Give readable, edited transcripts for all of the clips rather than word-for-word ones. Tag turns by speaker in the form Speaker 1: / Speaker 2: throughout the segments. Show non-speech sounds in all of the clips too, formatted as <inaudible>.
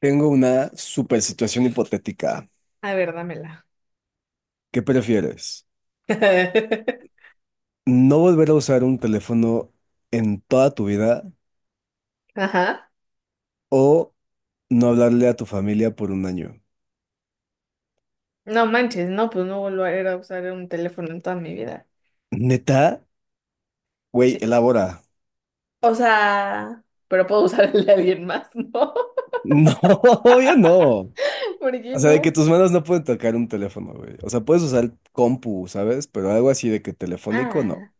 Speaker 1: Tengo una super situación hipotética.
Speaker 2: A ver, dámela.
Speaker 1: ¿Qué prefieres?
Speaker 2: <laughs>
Speaker 1: ¿No volver a usar un teléfono en toda tu vida
Speaker 2: Ajá.
Speaker 1: o no hablarle a tu familia por un año?
Speaker 2: No manches, no, pues no volveré a usar un teléfono en toda mi vida.
Speaker 1: ¿Neta? Güey,
Speaker 2: Sí.
Speaker 1: elabora.
Speaker 2: O sea, pero puedo usar el de alguien más, ¿no?
Speaker 1: No, <laughs> obvio no.
Speaker 2: <laughs> ¿Por qué
Speaker 1: O sea, de que
Speaker 2: no?
Speaker 1: tus manos no pueden tocar un teléfono, güey. O sea, puedes usar compu, ¿sabes? Pero algo así de que telefónico, no.
Speaker 2: Ah,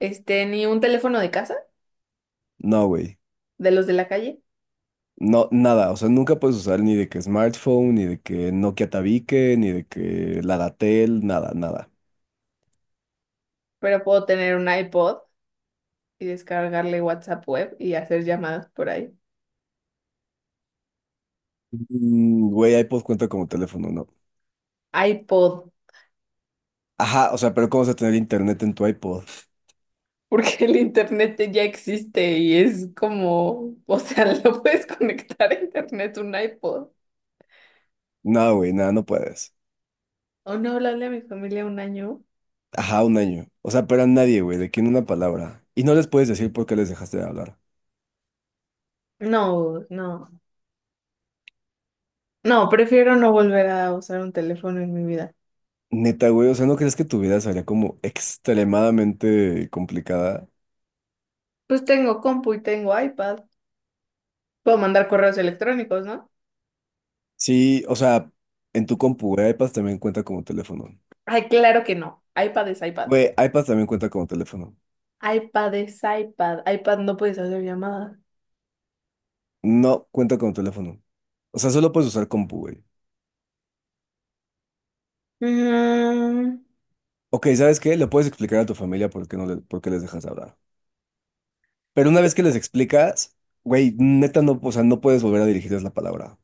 Speaker 2: ni un teléfono de casa,
Speaker 1: No, güey.
Speaker 2: de los de la calle,
Speaker 1: No, nada. O sea, nunca puedes usar ni de que smartphone, ni de que Nokia Tabique, ni de que Ladatel, nada, nada.
Speaker 2: pero puedo tener un iPod y descargarle WhatsApp web y hacer llamadas por ahí.
Speaker 1: Güey, iPod cuenta como teléfono, ¿no?
Speaker 2: iPod.
Speaker 1: Ajá, o sea, pero ¿cómo vas a tener internet en tu iPod?
Speaker 2: <laughs> Porque el internet ya existe y es como, o sea, <laughs> lo puedes conectar a internet un iPod.
Speaker 1: No, güey, nada, no puedes.
Speaker 2: O no hablarle a mi familia un año.
Speaker 1: Ajá, un año. O sea, pero a nadie, güey, de quién una palabra. Y no les puedes decir por qué les dejaste de hablar.
Speaker 2: No, no. No, prefiero no volver a usar un teléfono en mi vida.
Speaker 1: Neta, güey, o sea, ¿no crees que tu vida sería como extremadamente complicada?
Speaker 2: Pues tengo compu y tengo iPad. Puedo mandar correos electrónicos, ¿no?
Speaker 1: Sí, o sea, en tu compu, güey, iPad también cuenta como teléfono.
Speaker 2: Ay, claro que no. iPad es iPad.
Speaker 1: Güey, iPad también cuenta como teléfono.
Speaker 2: iPad es iPad. iPad no puedes hacer llamadas.
Speaker 1: No cuenta como teléfono. O sea, solo puedes usar compu, güey.
Speaker 2: Mm.
Speaker 1: Ok, ¿sabes qué? Le puedes explicar a tu familia por qué no le- por qué les dejas de hablar. Pero una vez que les explicas, güey, neta no, o sea, no puedes volver a dirigirles la palabra.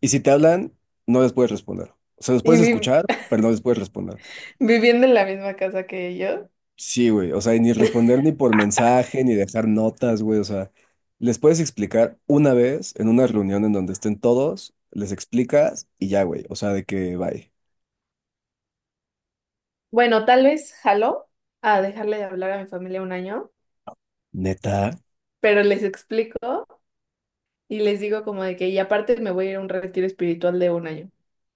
Speaker 1: Y si te hablan, no les puedes responder. O sea, los
Speaker 2: Y
Speaker 1: puedes escuchar, pero no les puedes responder.
Speaker 2: viviendo en la misma casa que yo.
Speaker 1: Sí, güey, o sea, y ni responder ni por mensaje, ni dejar notas, güey, o sea, les puedes explicar una vez en una reunión en donde estén todos, les explicas y ya, güey, o sea, de que bye.
Speaker 2: Bueno, tal vez jaló a dejarle de hablar a mi familia un año,
Speaker 1: Neta.
Speaker 2: pero les explico. Y les digo como de que, y aparte me voy a ir a un retiro espiritual de un año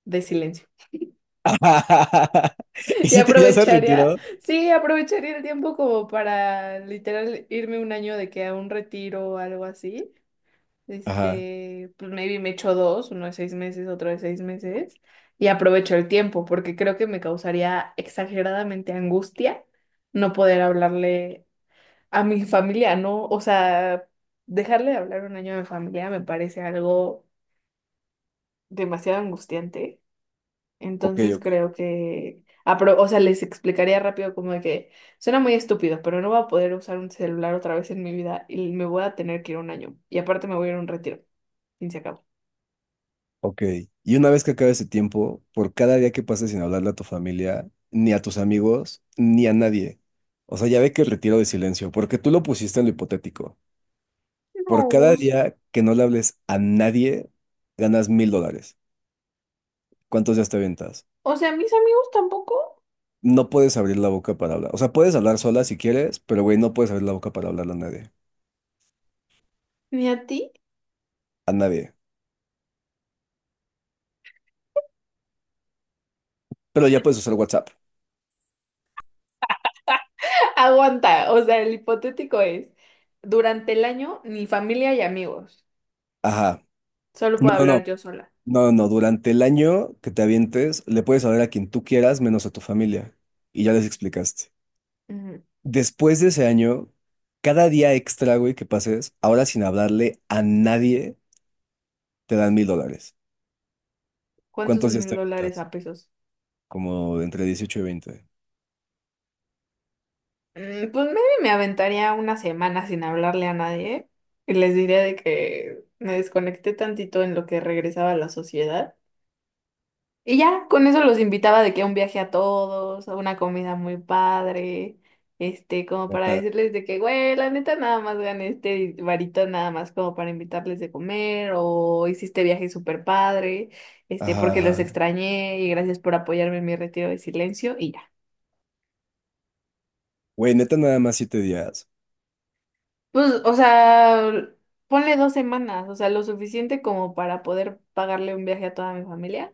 Speaker 2: de silencio.
Speaker 1: <laughs> ¿Y
Speaker 2: <laughs> Y
Speaker 1: si te ya se
Speaker 2: aprovecharía,
Speaker 1: retiró?
Speaker 2: sí, aprovecharía el tiempo como para literal irme un año de que a un retiro o algo así.
Speaker 1: Ajá,
Speaker 2: Pues maybe me echo dos, uno de 6 meses, otro de 6 meses. Y aprovecho el tiempo porque creo que me causaría exageradamente angustia no poder hablarle a mi familia, ¿no? O sea, dejarle de hablar un año a mi familia me parece algo demasiado angustiante.
Speaker 1: ok,
Speaker 2: Entonces
Speaker 1: ok.
Speaker 2: creo que, ah, pero, o sea, les explicaría rápido como de que suena muy estúpido, pero no voy a poder usar un celular otra vez en mi vida y me voy a tener que ir un año. Y aparte me voy a ir a un retiro. Fin se acabó.
Speaker 1: Ok, y una vez que acabe ese tiempo, por cada día que pases sin hablarle a tu familia, ni a tus amigos, ni a nadie. O sea, ya ve que el retiro de silencio, porque tú lo pusiste en lo hipotético.
Speaker 2: No,
Speaker 1: Por cada
Speaker 2: Gus.
Speaker 1: día que no le hables a nadie, ganas $1,000. ¿Cuántos días te aventas?
Speaker 2: O sea, mis amigos tampoco,
Speaker 1: No puedes abrir la boca para hablar. O sea, puedes hablar sola si quieres, pero güey, no puedes abrir la boca para hablarle a nadie.
Speaker 2: ni a ti.
Speaker 1: A nadie. Pero ya puedes usar WhatsApp.
Speaker 2: <laughs> Aguanta, o sea, el hipotético es, durante el año, ni familia y amigos.
Speaker 1: Ajá.
Speaker 2: Solo
Speaker 1: No,
Speaker 2: puedo
Speaker 1: no,
Speaker 2: hablar
Speaker 1: no.
Speaker 2: yo sola.
Speaker 1: No, no, durante el año que te avientes, le puedes hablar a quien tú quieras, menos a tu familia. Y ya les explicaste.
Speaker 2: Ujú.
Speaker 1: Después de ese año, cada día extra, güey, que pases, ahora sin hablarle a nadie, te dan $1,000.
Speaker 2: ¿Cuántos
Speaker 1: ¿Cuántos
Speaker 2: son
Speaker 1: días te
Speaker 2: 1,000 dólares
Speaker 1: avientas?
Speaker 2: a pesos?
Speaker 1: Como entre 18 y 20.
Speaker 2: Pues maybe me aventaría una semana sin hablarle a nadie y les diría de que me desconecté tantito en lo que regresaba a la sociedad. Y ya, con eso los invitaba de que a un viaje a todos, a una comida muy padre, como para
Speaker 1: Neta.
Speaker 2: decirles de que, güey, la neta nada más gané este varito nada más como para invitarles de comer o hiciste viaje súper padre,
Speaker 1: Ajá,
Speaker 2: porque los
Speaker 1: ajá.
Speaker 2: extrañé y gracias por apoyarme en mi retiro de silencio y ya.
Speaker 1: Güey, neta, nada más 7 días.
Speaker 2: Pues, o sea, ponle 2 semanas, o sea, lo suficiente como para poder pagarle un viaje a toda mi familia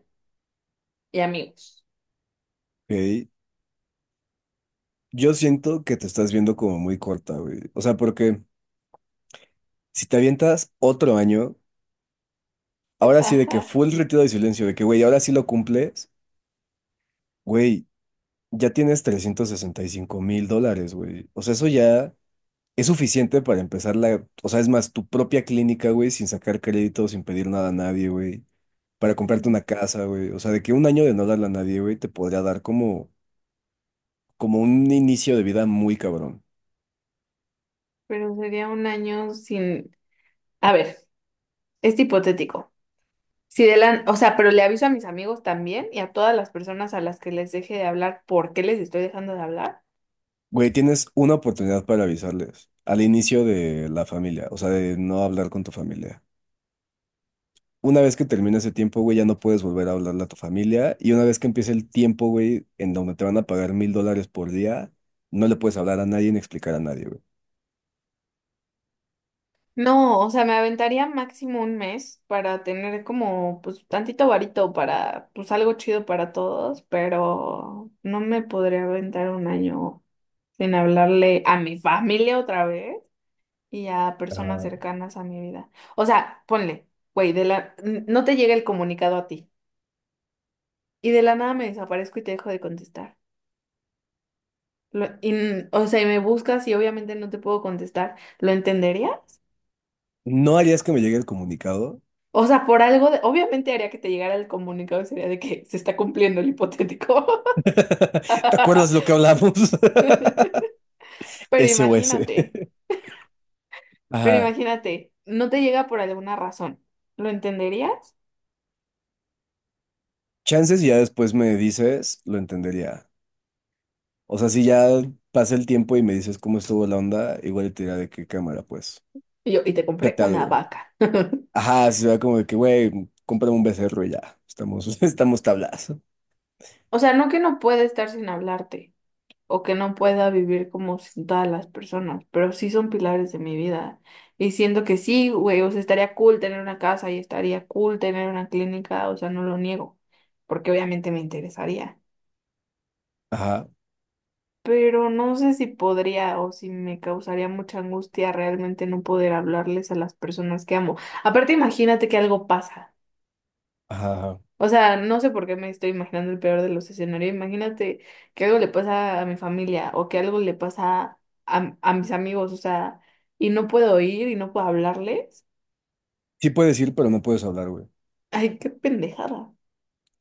Speaker 2: y amigos.
Speaker 1: Ok. Yo siento que te estás viendo como muy corta, güey. O sea, porque si te avientas otro año,
Speaker 2: <laughs>
Speaker 1: ahora sí de que
Speaker 2: Ajá.
Speaker 1: full retiro de silencio, de que, güey, ahora sí lo cumples. Güey, ya tienes $365,000, güey. O sea, eso ya es suficiente para empezar la, o sea, es más, tu propia clínica, güey, sin sacar crédito, sin pedir nada a nadie, güey. Para comprarte
Speaker 2: Ujú.
Speaker 1: una casa, güey. O sea, de que un año de no darle a nadie, güey, te podría dar como, como un inicio de vida muy cabrón.
Speaker 2: Pero sería un año sin. A ver, es hipotético. Si de la... O sea, pero le aviso a mis amigos también y a todas las personas a las que les deje de hablar, ¿por qué les estoy dejando de hablar?
Speaker 1: Güey, tienes una oportunidad para avisarles al inicio de la familia, o sea, de no hablar con tu familia. Una vez que termina ese tiempo, güey, ya no puedes volver a hablarle a tu familia. Y una vez que empiece el tiempo, güey, en donde te van a pagar $1,000 por día, no le puedes hablar a nadie ni explicar a nadie, güey.
Speaker 2: No, o sea, me aventaría máximo un mes para tener como, pues, tantito varito para, pues, algo chido para todos, pero no me podría aventar un año sin hablarle a mi familia otra vez y a personas
Speaker 1: Ah,
Speaker 2: cercanas a mi vida. O sea, ponle, güey, no te llega el comunicado a ti y de la nada me desaparezco y te dejo de contestar. O sea, y me buscas y obviamente no te puedo contestar. ¿Lo entenderías?
Speaker 1: ¿No harías que me llegue el comunicado?
Speaker 2: O sea, por algo, obviamente haría que te llegara el comunicado y sería de que se está cumpliendo el hipotético.
Speaker 1: <laughs> ¿Te acuerdas lo que
Speaker 2: <laughs>
Speaker 1: hablamos? <laughs>
Speaker 2: Pero
Speaker 1: SOS.
Speaker 2: imagínate, pero
Speaker 1: Ajá.
Speaker 2: imagínate, no te llega por alguna razón. ¿Lo entenderías?
Speaker 1: Chances y ya después me dices, lo entendería. O sea, si ya pasa el tiempo y me dices cómo estuvo la onda, igual te dirá de qué cámara, pues.
Speaker 2: Y te compré
Speaker 1: Chate
Speaker 2: una
Speaker 1: algo.
Speaker 2: vaca. <laughs>
Speaker 1: Ajá, se va como de que, güey, cómprame un becerro y ya. Estamos, <laughs> estamos tablas.
Speaker 2: O sea, no que no pueda estar sin hablarte o que no pueda vivir como sin todas las personas, pero sí son pilares de mi vida. Y siento que sí, güey, o sea, estaría cool tener una casa y estaría cool tener una clínica, o sea, no lo niego, porque obviamente me interesaría.
Speaker 1: Ajá,
Speaker 2: Pero no sé si podría o si me causaría mucha angustia realmente no poder hablarles a las personas que amo. Aparte, imagínate que algo pasa.
Speaker 1: ajá, ajá.
Speaker 2: O sea, no sé por qué me estoy imaginando el peor de los escenarios. Imagínate que algo le pasa a mi familia o que algo le pasa a, mis amigos, o sea, y no puedo ir y no puedo hablarles.
Speaker 1: Sí puedes ir, pero no puedes hablar, güey.
Speaker 2: Ay, qué pendejada.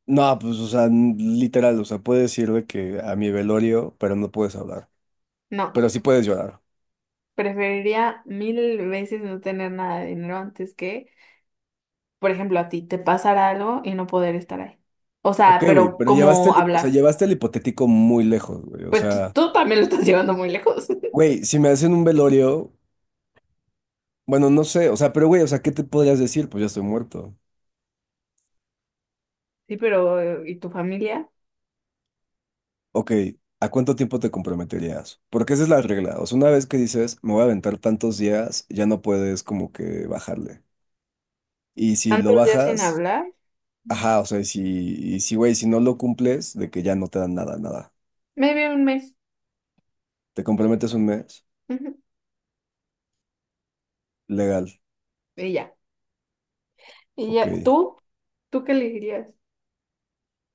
Speaker 1: No, pues, o sea, literal, o sea, puedes ir de que a mi velorio, pero no puedes hablar. Pero
Speaker 2: No,
Speaker 1: sí puedes llorar.
Speaker 2: preferiría 1,000 veces no tener nada de dinero antes que, por ejemplo, a ti te pasara algo y no poder estar ahí. O
Speaker 1: Ok,
Speaker 2: sea,
Speaker 1: güey,
Speaker 2: pero
Speaker 1: pero llevaste el,
Speaker 2: ¿cómo
Speaker 1: o sea,
Speaker 2: hablar?
Speaker 1: llevaste el hipotético muy lejos, güey. O
Speaker 2: Pues tú,
Speaker 1: sea,
Speaker 2: tú también lo estás <laughs> llevando muy lejos. <laughs>
Speaker 1: güey, si me hacen un velorio, bueno, no sé, o sea, pero güey, o sea, ¿qué te podrías decir? Pues ya estoy muerto.
Speaker 2: Sí, pero ¿y tu familia?
Speaker 1: Ok, ¿a cuánto tiempo te comprometerías? Porque esa es la regla. O sea, una vez que dices, me voy a aventar tantos días, ya no puedes como que bajarle. Y si lo
Speaker 2: ¿Tantos días sin
Speaker 1: bajas,
Speaker 2: hablar?
Speaker 1: ajá, o sea, y si, güey, si no lo cumples, de que ya no te dan nada, nada.
Speaker 2: Maybe un mes.
Speaker 1: ¿Te comprometes un mes?
Speaker 2: Ujú.
Speaker 1: Legal,
Speaker 2: Y ya. Y
Speaker 1: ok.
Speaker 2: ya, ¿tú? ¿Tú qué elegirías?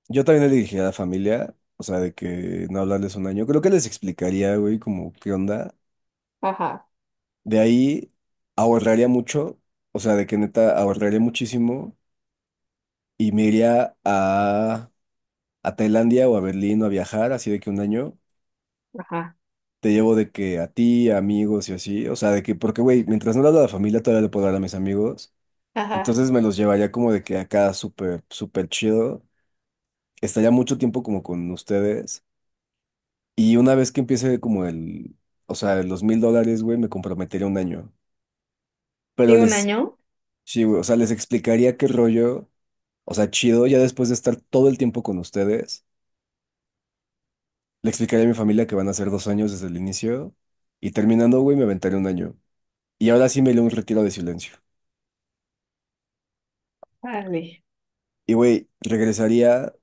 Speaker 1: Yo también le dije a la familia, o sea, de que no hablarles un año. Creo que les explicaría, güey, como qué onda.
Speaker 2: Ajá,
Speaker 1: De ahí ahorraría mucho, o sea, de que neta ahorraría muchísimo y me iría a Tailandia o a Berlín o a viajar, así de que un año,
Speaker 2: ajá,
Speaker 1: te llevo de que a ti, a amigos y así, o sea, de que, porque, güey, mientras no le hablo a la familia, todavía le puedo hablar a mis amigos,
Speaker 2: ajá.
Speaker 1: entonces me los llevaría como de que acá súper, súper chido, estaría mucho tiempo como con ustedes, y una vez que empiece como el, o sea, los $1,000, güey, me comprometería un año, pero
Speaker 2: ¿Sí, un
Speaker 1: les,
Speaker 2: año?
Speaker 1: sí, güey, o sea, les explicaría qué rollo, o sea, chido, ya después de estar todo el tiempo con ustedes. Le explicaré a mi familia que van a ser 2 años desde el inicio y terminando, güey, me aventaré un año. Y ahora sí me iré a un retiro de silencio.
Speaker 2: Vale.
Speaker 1: Y, güey, regresaría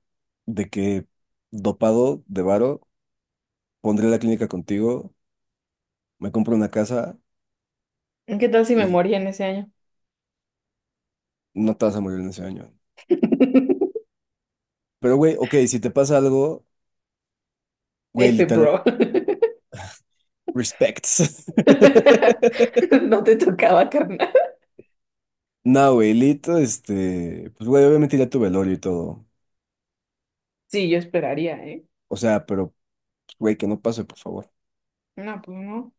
Speaker 1: de que dopado de varo, pondré la clínica contigo, me compro una casa
Speaker 2: ¿Qué tal si me
Speaker 1: y
Speaker 2: moría en ese año?
Speaker 1: no te vas a morir en ese año.
Speaker 2: <laughs>
Speaker 1: Pero, güey, ok, si te pasa algo, güey,
Speaker 2: F,
Speaker 1: literal,
Speaker 2: bro. <laughs>
Speaker 1: respects. <laughs>
Speaker 2: No te tocaba, carnal.
Speaker 1: No, güey, Lito, pues, güey, obviamente ya tu velorio y todo.
Speaker 2: Sí, yo esperaría, ¿eh?
Speaker 1: O sea, pero, pues, güey, que no pase, por favor.
Speaker 2: No, pues no.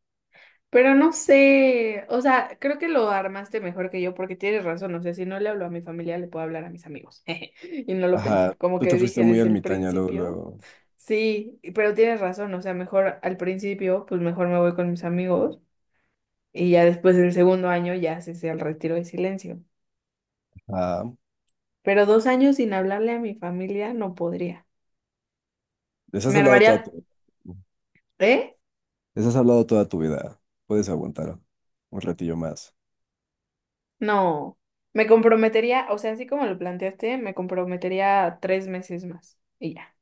Speaker 2: Pero no sé, o sea, creo que lo armaste mejor que yo porque tienes razón, o sea, si no le hablo a mi familia, le puedo hablar a mis amigos. <laughs> Jeje. Y no lo pensé,
Speaker 1: Ajá,
Speaker 2: como
Speaker 1: tú te
Speaker 2: que
Speaker 1: fuiste
Speaker 2: dije
Speaker 1: muy
Speaker 2: desde el
Speaker 1: ermitaña luego,
Speaker 2: principio,
Speaker 1: luego.
Speaker 2: sí, pero tienes razón, o sea, mejor al principio, pues mejor me voy con mis amigos. Y ya después del segundo año ya cesé el retiro de silencio.
Speaker 1: Ah,
Speaker 2: Pero 2 años sin hablarle a mi familia no podría.
Speaker 1: les has
Speaker 2: Me
Speaker 1: hablado toda tu
Speaker 2: armaría,
Speaker 1: vida.
Speaker 2: ¿eh?
Speaker 1: Les has hablado toda tu vida. Puedes aguantar un ratillo más.
Speaker 2: No. Me comprometería, o sea, así como lo planteaste, me comprometería 3 meses más. Y ya.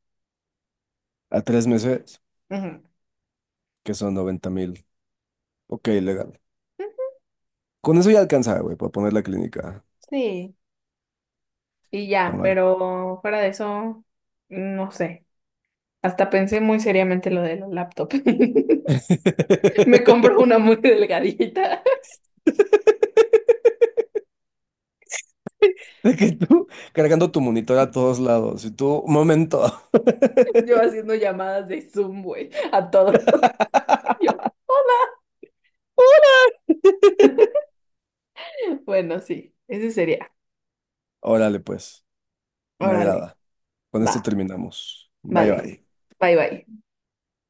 Speaker 1: A 3 meses,
Speaker 2: Ujú.
Speaker 1: que son 90,000. Ok, legal. Con eso ya alcanza, güey, para poner la clínica.
Speaker 2: Sí, y ya,
Speaker 1: Cámara.
Speaker 2: pero fuera de eso, no sé. Hasta pensé muy seriamente lo de la laptop. <laughs> Me compro una
Speaker 1: <laughs>
Speaker 2: muy delgadita.
Speaker 1: De que tú cargando tu monitor a todos lados. Y tú, momento. <laughs>
Speaker 2: <laughs> Yo haciendo llamadas de Zoom, güey, a todo. <laughs> Yo, bueno, sí, ese sería.
Speaker 1: Órale, pues. Me
Speaker 2: Órale,
Speaker 1: agrada. Con esto
Speaker 2: va,
Speaker 1: terminamos. Bye,
Speaker 2: vale,
Speaker 1: bye.
Speaker 2: bye bye.